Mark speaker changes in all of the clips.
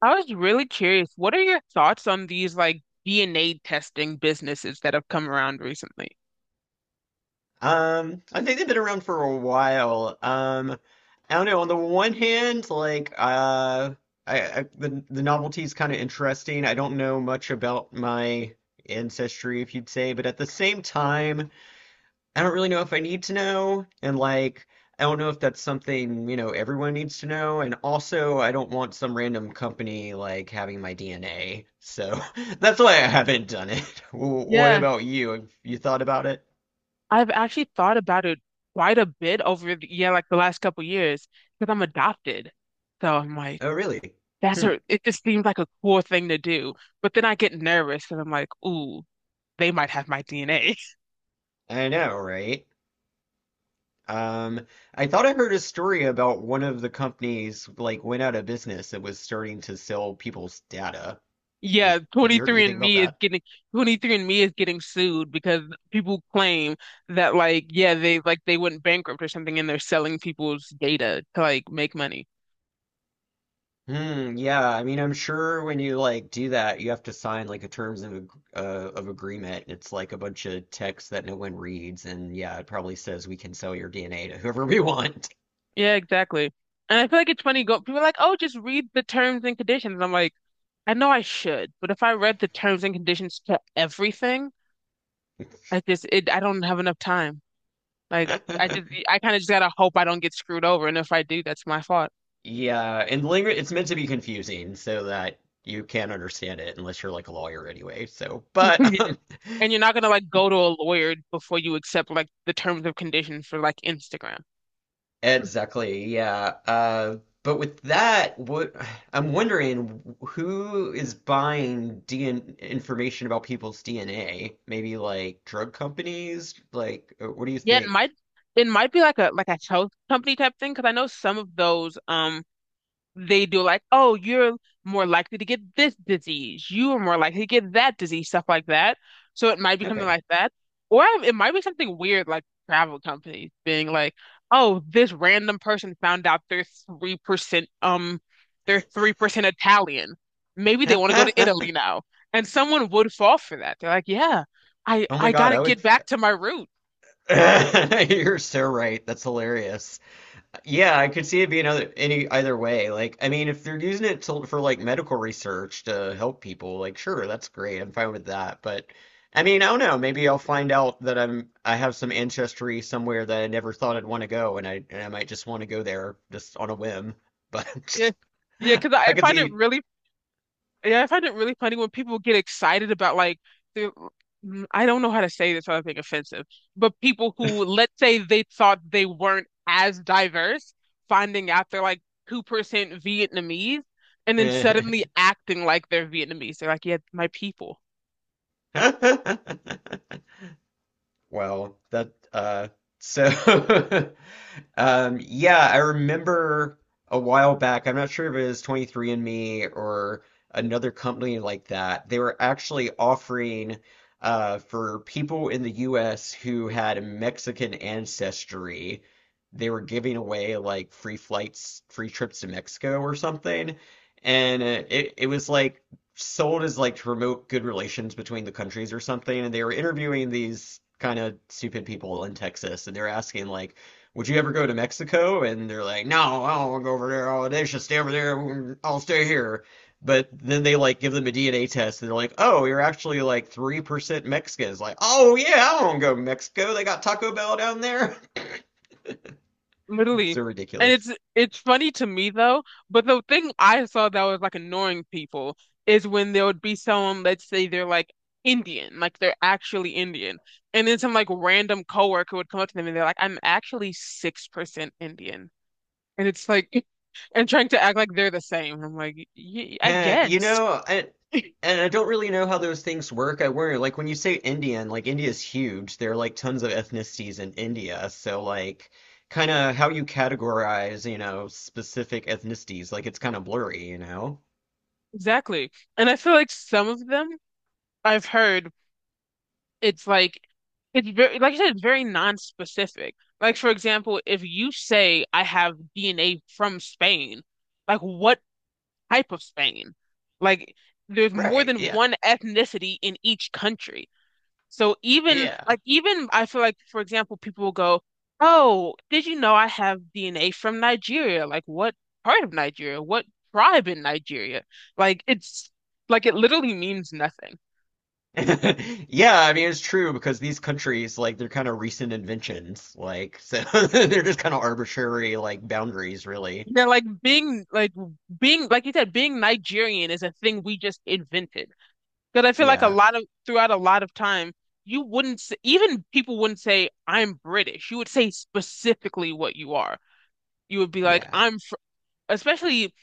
Speaker 1: I was really curious. What are your thoughts on these like DNA testing businesses that have come around recently?
Speaker 2: I think they've been around for a while. I don't know. On the one hand, like, I the novelty is kind of interesting. I don't know much about my ancestry, if you'd say, but at the same time, I don't really know if I need to know, and like, I don't know if that's something, everyone needs to know, and also I don't want some random company like having my DNA. So that's why I haven't done it. What
Speaker 1: Yeah,
Speaker 2: about you? Have you thought about it?
Speaker 1: I've actually thought about it quite a bit over yeah, like the last couple years because I'm adopted. So I'm like,
Speaker 2: Oh, really? Hmm.
Speaker 1: it just seems like a cool thing to do. But then I get nervous because I'm like, ooh, they might have my DNA.
Speaker 2: I know, right? Um, I thought I heard a story about one of the companies like went out of business that was starting to sell people's data.
Speaker 1: Yeah,
Speaker 2: Have you heard
Speaker 1: 23
Speaker 2: anything
Speaker 1: and
Speaker 2: about
Speaker 1: me is
Speaker 2: that?
Speaker 1: getting 23 and me is getting sued because people claim that like yeah, they went bankrupt or something and they're selling people's data to like make money.
Speaker 2: Hmm, yeah, I mean, I'm sure when you like do that, you have to sign like a terms of of agreement. It's like a bunch of text that no one reads, and yeah, it probably says we can sell your DNA to whoever we want.
Speaker 1: Yeah, exactly. And I feel like it's funny go people are like, "Oh, just read the terms and conditions." I'm like, "I know I should, but if I read the terms and conditions to everything, I just it I don't have enough time." Like I kind of just gotta hope I don't get screwed over, and if I do, that's my fault.
Speaker 2: Yeah, and language it's meant to be confusing so that you can't understand it unless you're like a lawyer anyway. So, but
Speaker 1: And you're not gonna like go to a lawyer before you accept like the terms of conditions for like Instagram.
Speaker 2: exactly, yeah. But with that, what I'm wondering who is buying DN information about people's DNA? Maybe like drug companies? Like, what do you
Speaker 1: Yeah,
Speaker 2: think?
Speaker 1: it might be like a health company type thing because I know some of those they do like, oh, you're more likely to get this disease. You are more likely to get that disease, stuff like that. So it might be something
Speaker 2: Okay.
Speaker 1: like that. Or it might be something weird like travel companies being like, oh, this random person found out they're 3% um they're 3% Italian. Maybe they want to go to Italy now. And someone would fall for that. They're like, yeah, I
Speaker 2: Oh my
Speaker 1: I
Speaker 2: God,
Speaker 1: gotta
Speaker 2: I would.
Speaker 1: get back to my root.
Speaker 2: You're so right. That's hilarious. Yeah, I could see it being other any either way. Like, I mean, if they're using it for like medical research to help people, like, sure, that's great. I'm fine with that. But I mean, I don't know. Maybe I'll find out that I have some ancestry somewhere that I never thought I'd want to go, and I might just want to go there just on a whim.
Speaker 1: Yeah.
Speaker 2: But
Speaker 1: Yeah, because
Speaker 2: I
Speaker 1: I
Speaker 2: could
Speaker 1: find it
Speaker 2: see.
Speaker 1: really Yeah, I find it really funny when people get excited about like the I don't know how to say this without being offensive, but people who, let's say, they thought they weren't as diverse, finding out they're like 2% Vietnamese and then suddenly acting like they're Vietnamese. They're like, yeah, my people.
Speaker 2: Well, that so yeah, I remember a while back, I'm not sure if it was 23andMe or another company like that. They were actually offering for people in the US who had Mexican ancestry, they were giving away like free flights, free trips to Mexico or something. And it was like sold as like to promote good relations between the countries or something. And they were interviewing these kind of stupid people in Texas, and they're asking like, "Would you ever go to Mexico?" And they're like, "No, I don't want to go over there. Oh, they should stay over there. I'll stay here." But then they like give them a DNA test, and they're like, "Oh, you're actually like 3% Mexican." It's like, "Oh yeah, I don't want to go to Mexico. They got Taco Bell down there."
Speaker 1: Literally.
Speaker 2: So
Speaker 1: And
Speaker 2: ridiculous.
Speaker 1: it's funny to me though, but the thing I saw that was like annoying people is when there would be someone, let's say they're like Indian, like they're actually Indian. And then some like random coworker would come up to them and they're like, I'm actually 6% Indian. And it's like and trying to act like they're the same. I'm like, y I
Speaker 2: Heh, you
Speaker 1: guess.
Speaker 2: know, and I don't really know how those things work. I worry, like when you say Indian, like India's huge. There are like tons of ethnicities in India, so like kind of how you categorize, specific ethnicities, like it's kind of blurry, you know?
Speaker 1: Exactly. And I feel like some of them I've heard it's like it's very like I said, it's very non-specific. Like for example, if you say I have DNA from Spain, like what type of Spain? Like there's more
Speaker 2: Right.
Speaker 1: than
Speaker 2: Yeah.
Speaker 1: one ethnicity in each country. So
Speaker 2: Yeah.
Speaker 1: even I feel like for example, people will go, "Oh, did you know I have DNA from Nigeria? Like what part of Nigeria? What tribe in Nigeria?" Like it literally means nothing.
Speaker 2: Yeah, I mean it's true because these countries like they're kind of recent inventions, like so they're just kind of arbitrary like boundaries, really.
Speaker 1: Yeah, being like you said, being Nigerian is a thing we just invented. Because I feel like a
Speaker 2: Yeah.
Speaker 1: lot of throughout a lot of time, you wouldn't s- even people wouldn't say I'm British. You would say specifically what you are. You would be like
Speaker 2: Yeah.
Speaker 1: I'm fr-, especially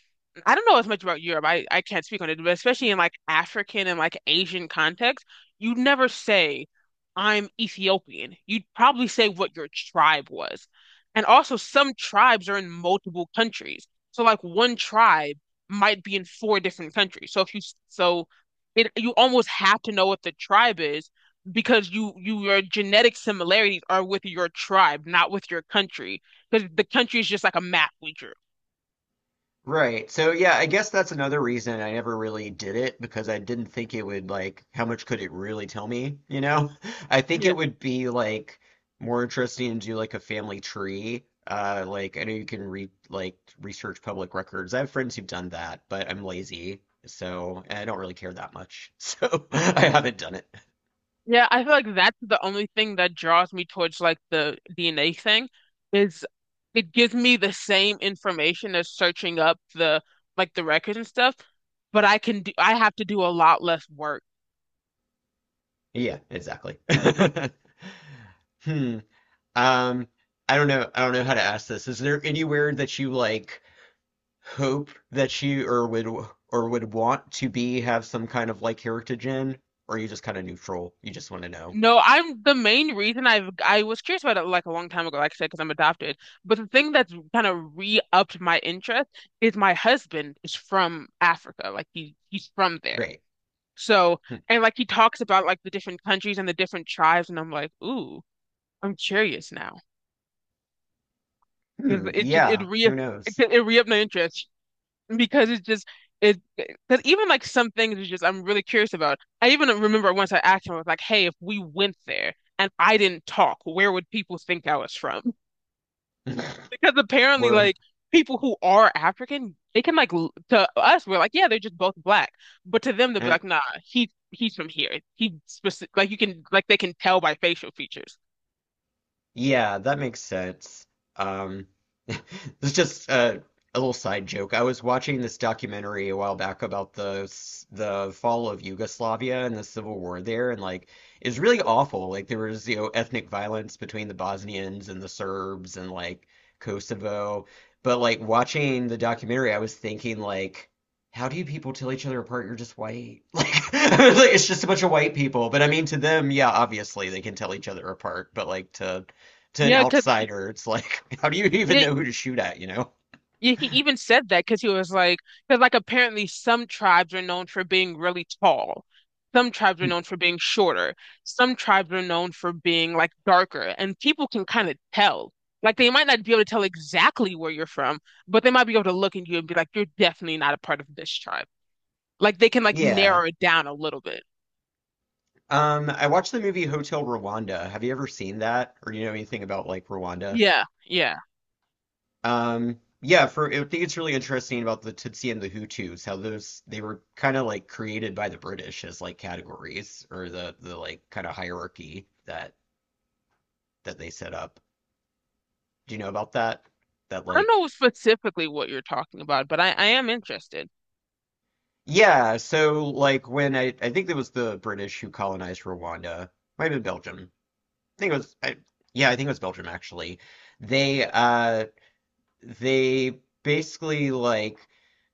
Speaker 1: I don't know as much about Europe. I can't speak on it, but especially in like African and like Asian context, you'd never say, I'm Ethiopian. You'd probably say what your tribe was. And also, some tribes are in multiple countries. So, like, one tribe might be in four different countries. So, if you, so it, you almost have to know what the tribe is because your genetic similarities are with your tribe, not with your country, because the country is just like a map we drew.
Speaker 2: Right. So yeah, I guess that's another reason I never really did it because I didn't think it would like how much could it really tell me, you know? I think it would be like more interesting to do like a family tree. Like I know you can read like research public records. I have friends who've done that, but I'm lazy, so and I don't really care that much. So I haven't done it.
Speaker 1: Yeah, I feel like that's the only thing that draws me towards like the DNA thing is it gives me the same information as searching up the like the records and stuff, but I have to do a lot less work.
Speaker 2: Yeah, exactly. Hmm. Um I don't know how to ask this. Is there anywhere that you like hope that she or would want to be have some kind of like heritage in, or are you just kind of neutral? You just want to know.
Speaker 1: No, I'm the main reason I was curious about it like a long time ago, like I said, because I'm adopted. But the thing that's kind of re-upped my interest is my husband is from Africa. Like he's from there.
Speaker 2: Great.
Speaker 1: So
Speaker 2: Hmm.
Speaker 1: and like he talks about like the different countries and the different tribes, and I'm like, ooh. I'm curious now because
Speaker 2: Hmm. Yeah. Who knows?
Speaker 1: it re-upped my interest because it's just it because even like some things is just I'm really curious about. I even remember once I asked him, I was like, "Hey, if we went there and I didn't talk, where would people think I was from?" Because apparently,
Speaker 2: Well,
Speaker 1: like people who are African, they can to us, we're like, "Yeah, they're just both black," but to them, they'll be like, "Nah, he's from here. He specific like you can like they can tell by facial features."
Speaker 2: yeah, that makes sense. Um, this is just a little side joke. I was watching this documentary a while back about the fall of Yugoslavia and the civil war there, and like it's really awful. Like there was, ethnic violence between the Bosnians and the Serbs and like Kosovo. But like watching the documentary, I was thinking like, how do you people tell each other apart? You're just white. Like it's just a bunch of white people. But I mean, to them, yeah, obviously they can tell each other apart. But like to an
Speaker 1: Yeah, because
Speaker 2: outsider, it's like, how do you even know who to shoot at, you know?
Speaker 1: Yeah, he even said that because he was like, because like apparently some tribes are known for being really tall. Some tribes are known for being shorter. Some tribes are known for being like darker. And people can kind of tell. Like they might not be able to tell exactly where you're from, but they might be able to look at you and be like, you're definitely not a part of this tribe. Like they can like
Speaker 2: Yeah.
Speaker 1: narrow it down a little bit.
Speaker 2: I watched the movie Hotel Rwanda. Have you ever seen that? Or do you know anything about like Rwanda?
Speaker 1: Yeah, yeah.
Speaker 2: Yeah, for I think it's really interesting about the Tutsi and the Hutus, how those they were kind of like created by the British as like categories or the like kind of hierarchy that that they set up. Do you know about that? That
Speaker 1: I don't
Speaker 2: like
Speaker 1: know specifically what you're talking about, but I am interested.
Speaker 2: yeah, so like when I think it was the British who colonized Rwanda, might have been Belgium. Think it was yeah, I think it was Belgium actually. They uh they basically like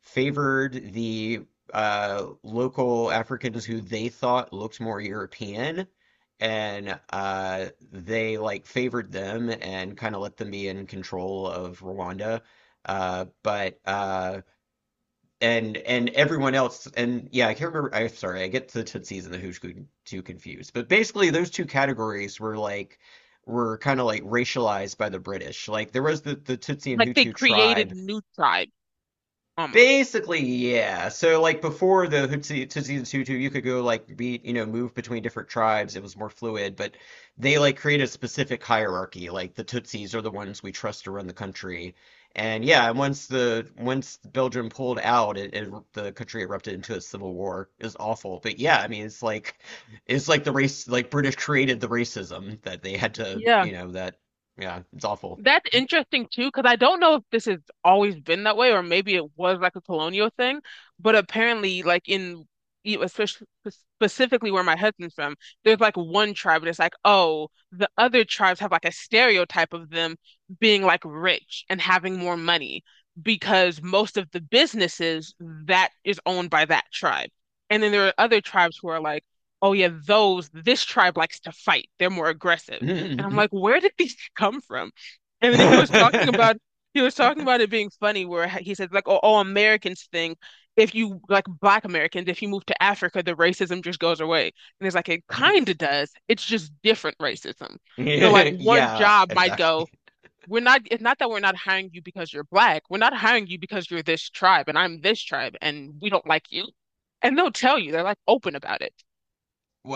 Speaker 2: favored the local Africans who they thought looked more European, and they like favored them and kind of let them be in control of Rwanda. But and everyone else. And yeah, I can't remember. I'm sorry. I get the Tootsies and the too confused. But basically those two categories were kind of like racialized by the British. Like there was the Tootsie and
Speaker 1: Like they
Speaker 2: Hutu
Speaker 1: created
Speaker 2: tribe.
Speaker 1: new tribes almost.
Speaker 2: Basically, yeah. So like before the Hutsi Tutsi and Hutu, you could go like be move between different tribes. It was more fluid, but they like create a specific hierarchy. Like the Tutsis are the ones we trust to run the country. And yeah, and once Belgium pulled out, it the country erupted into a civil war. It was awful. But yeah, I mean it's like the race like British created the racism that they had to
Speaker 1: Yeah.
Speaker 2: you know that yeah it's awful.
Speaker 1: That's interesting too, because I don't know if this has always been that way, or maybe it was like a colonial thing. But apparently, like in e, especially specifically where my husband's from, there's like one tribe, and it's like, oh, the other tribes have like a stereotype of them being like rich and having more money because most of the businesses that is owned by that tribe. And then there are other tribes who are like, oh yeah, those this tribe likes to fight. They're more aggressive. And I'm like, where did these come from? And then he was talking about it being funny where he said like oh, all Americans think if you like black Americans if you move to Africa the racism just goes away. And it's like it kind of does. It's just different racism. So like one
Speaker 2: Yeah,
Speaker 1: job might go
Speaker 2: exactly.
Speaker 1: we're not it's not that we're not hiring you because you're black. We're not hiring you because you're this tribe and I'm this tribe and we don't like you. And they'll tell you they're like open about it.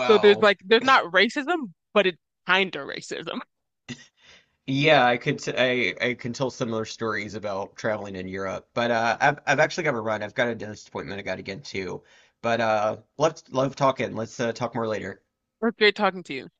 Speaker 1: So there's like there's not racism but it's kind of racism.
Speaker 2: Yeah, I could t I can tell similar stories about traveling in Europe, but I've actually got to run. I've got a dentist appointment I got to get to, but let's love talking. Let's talk more later.
Speaker 1: It's great talking to you.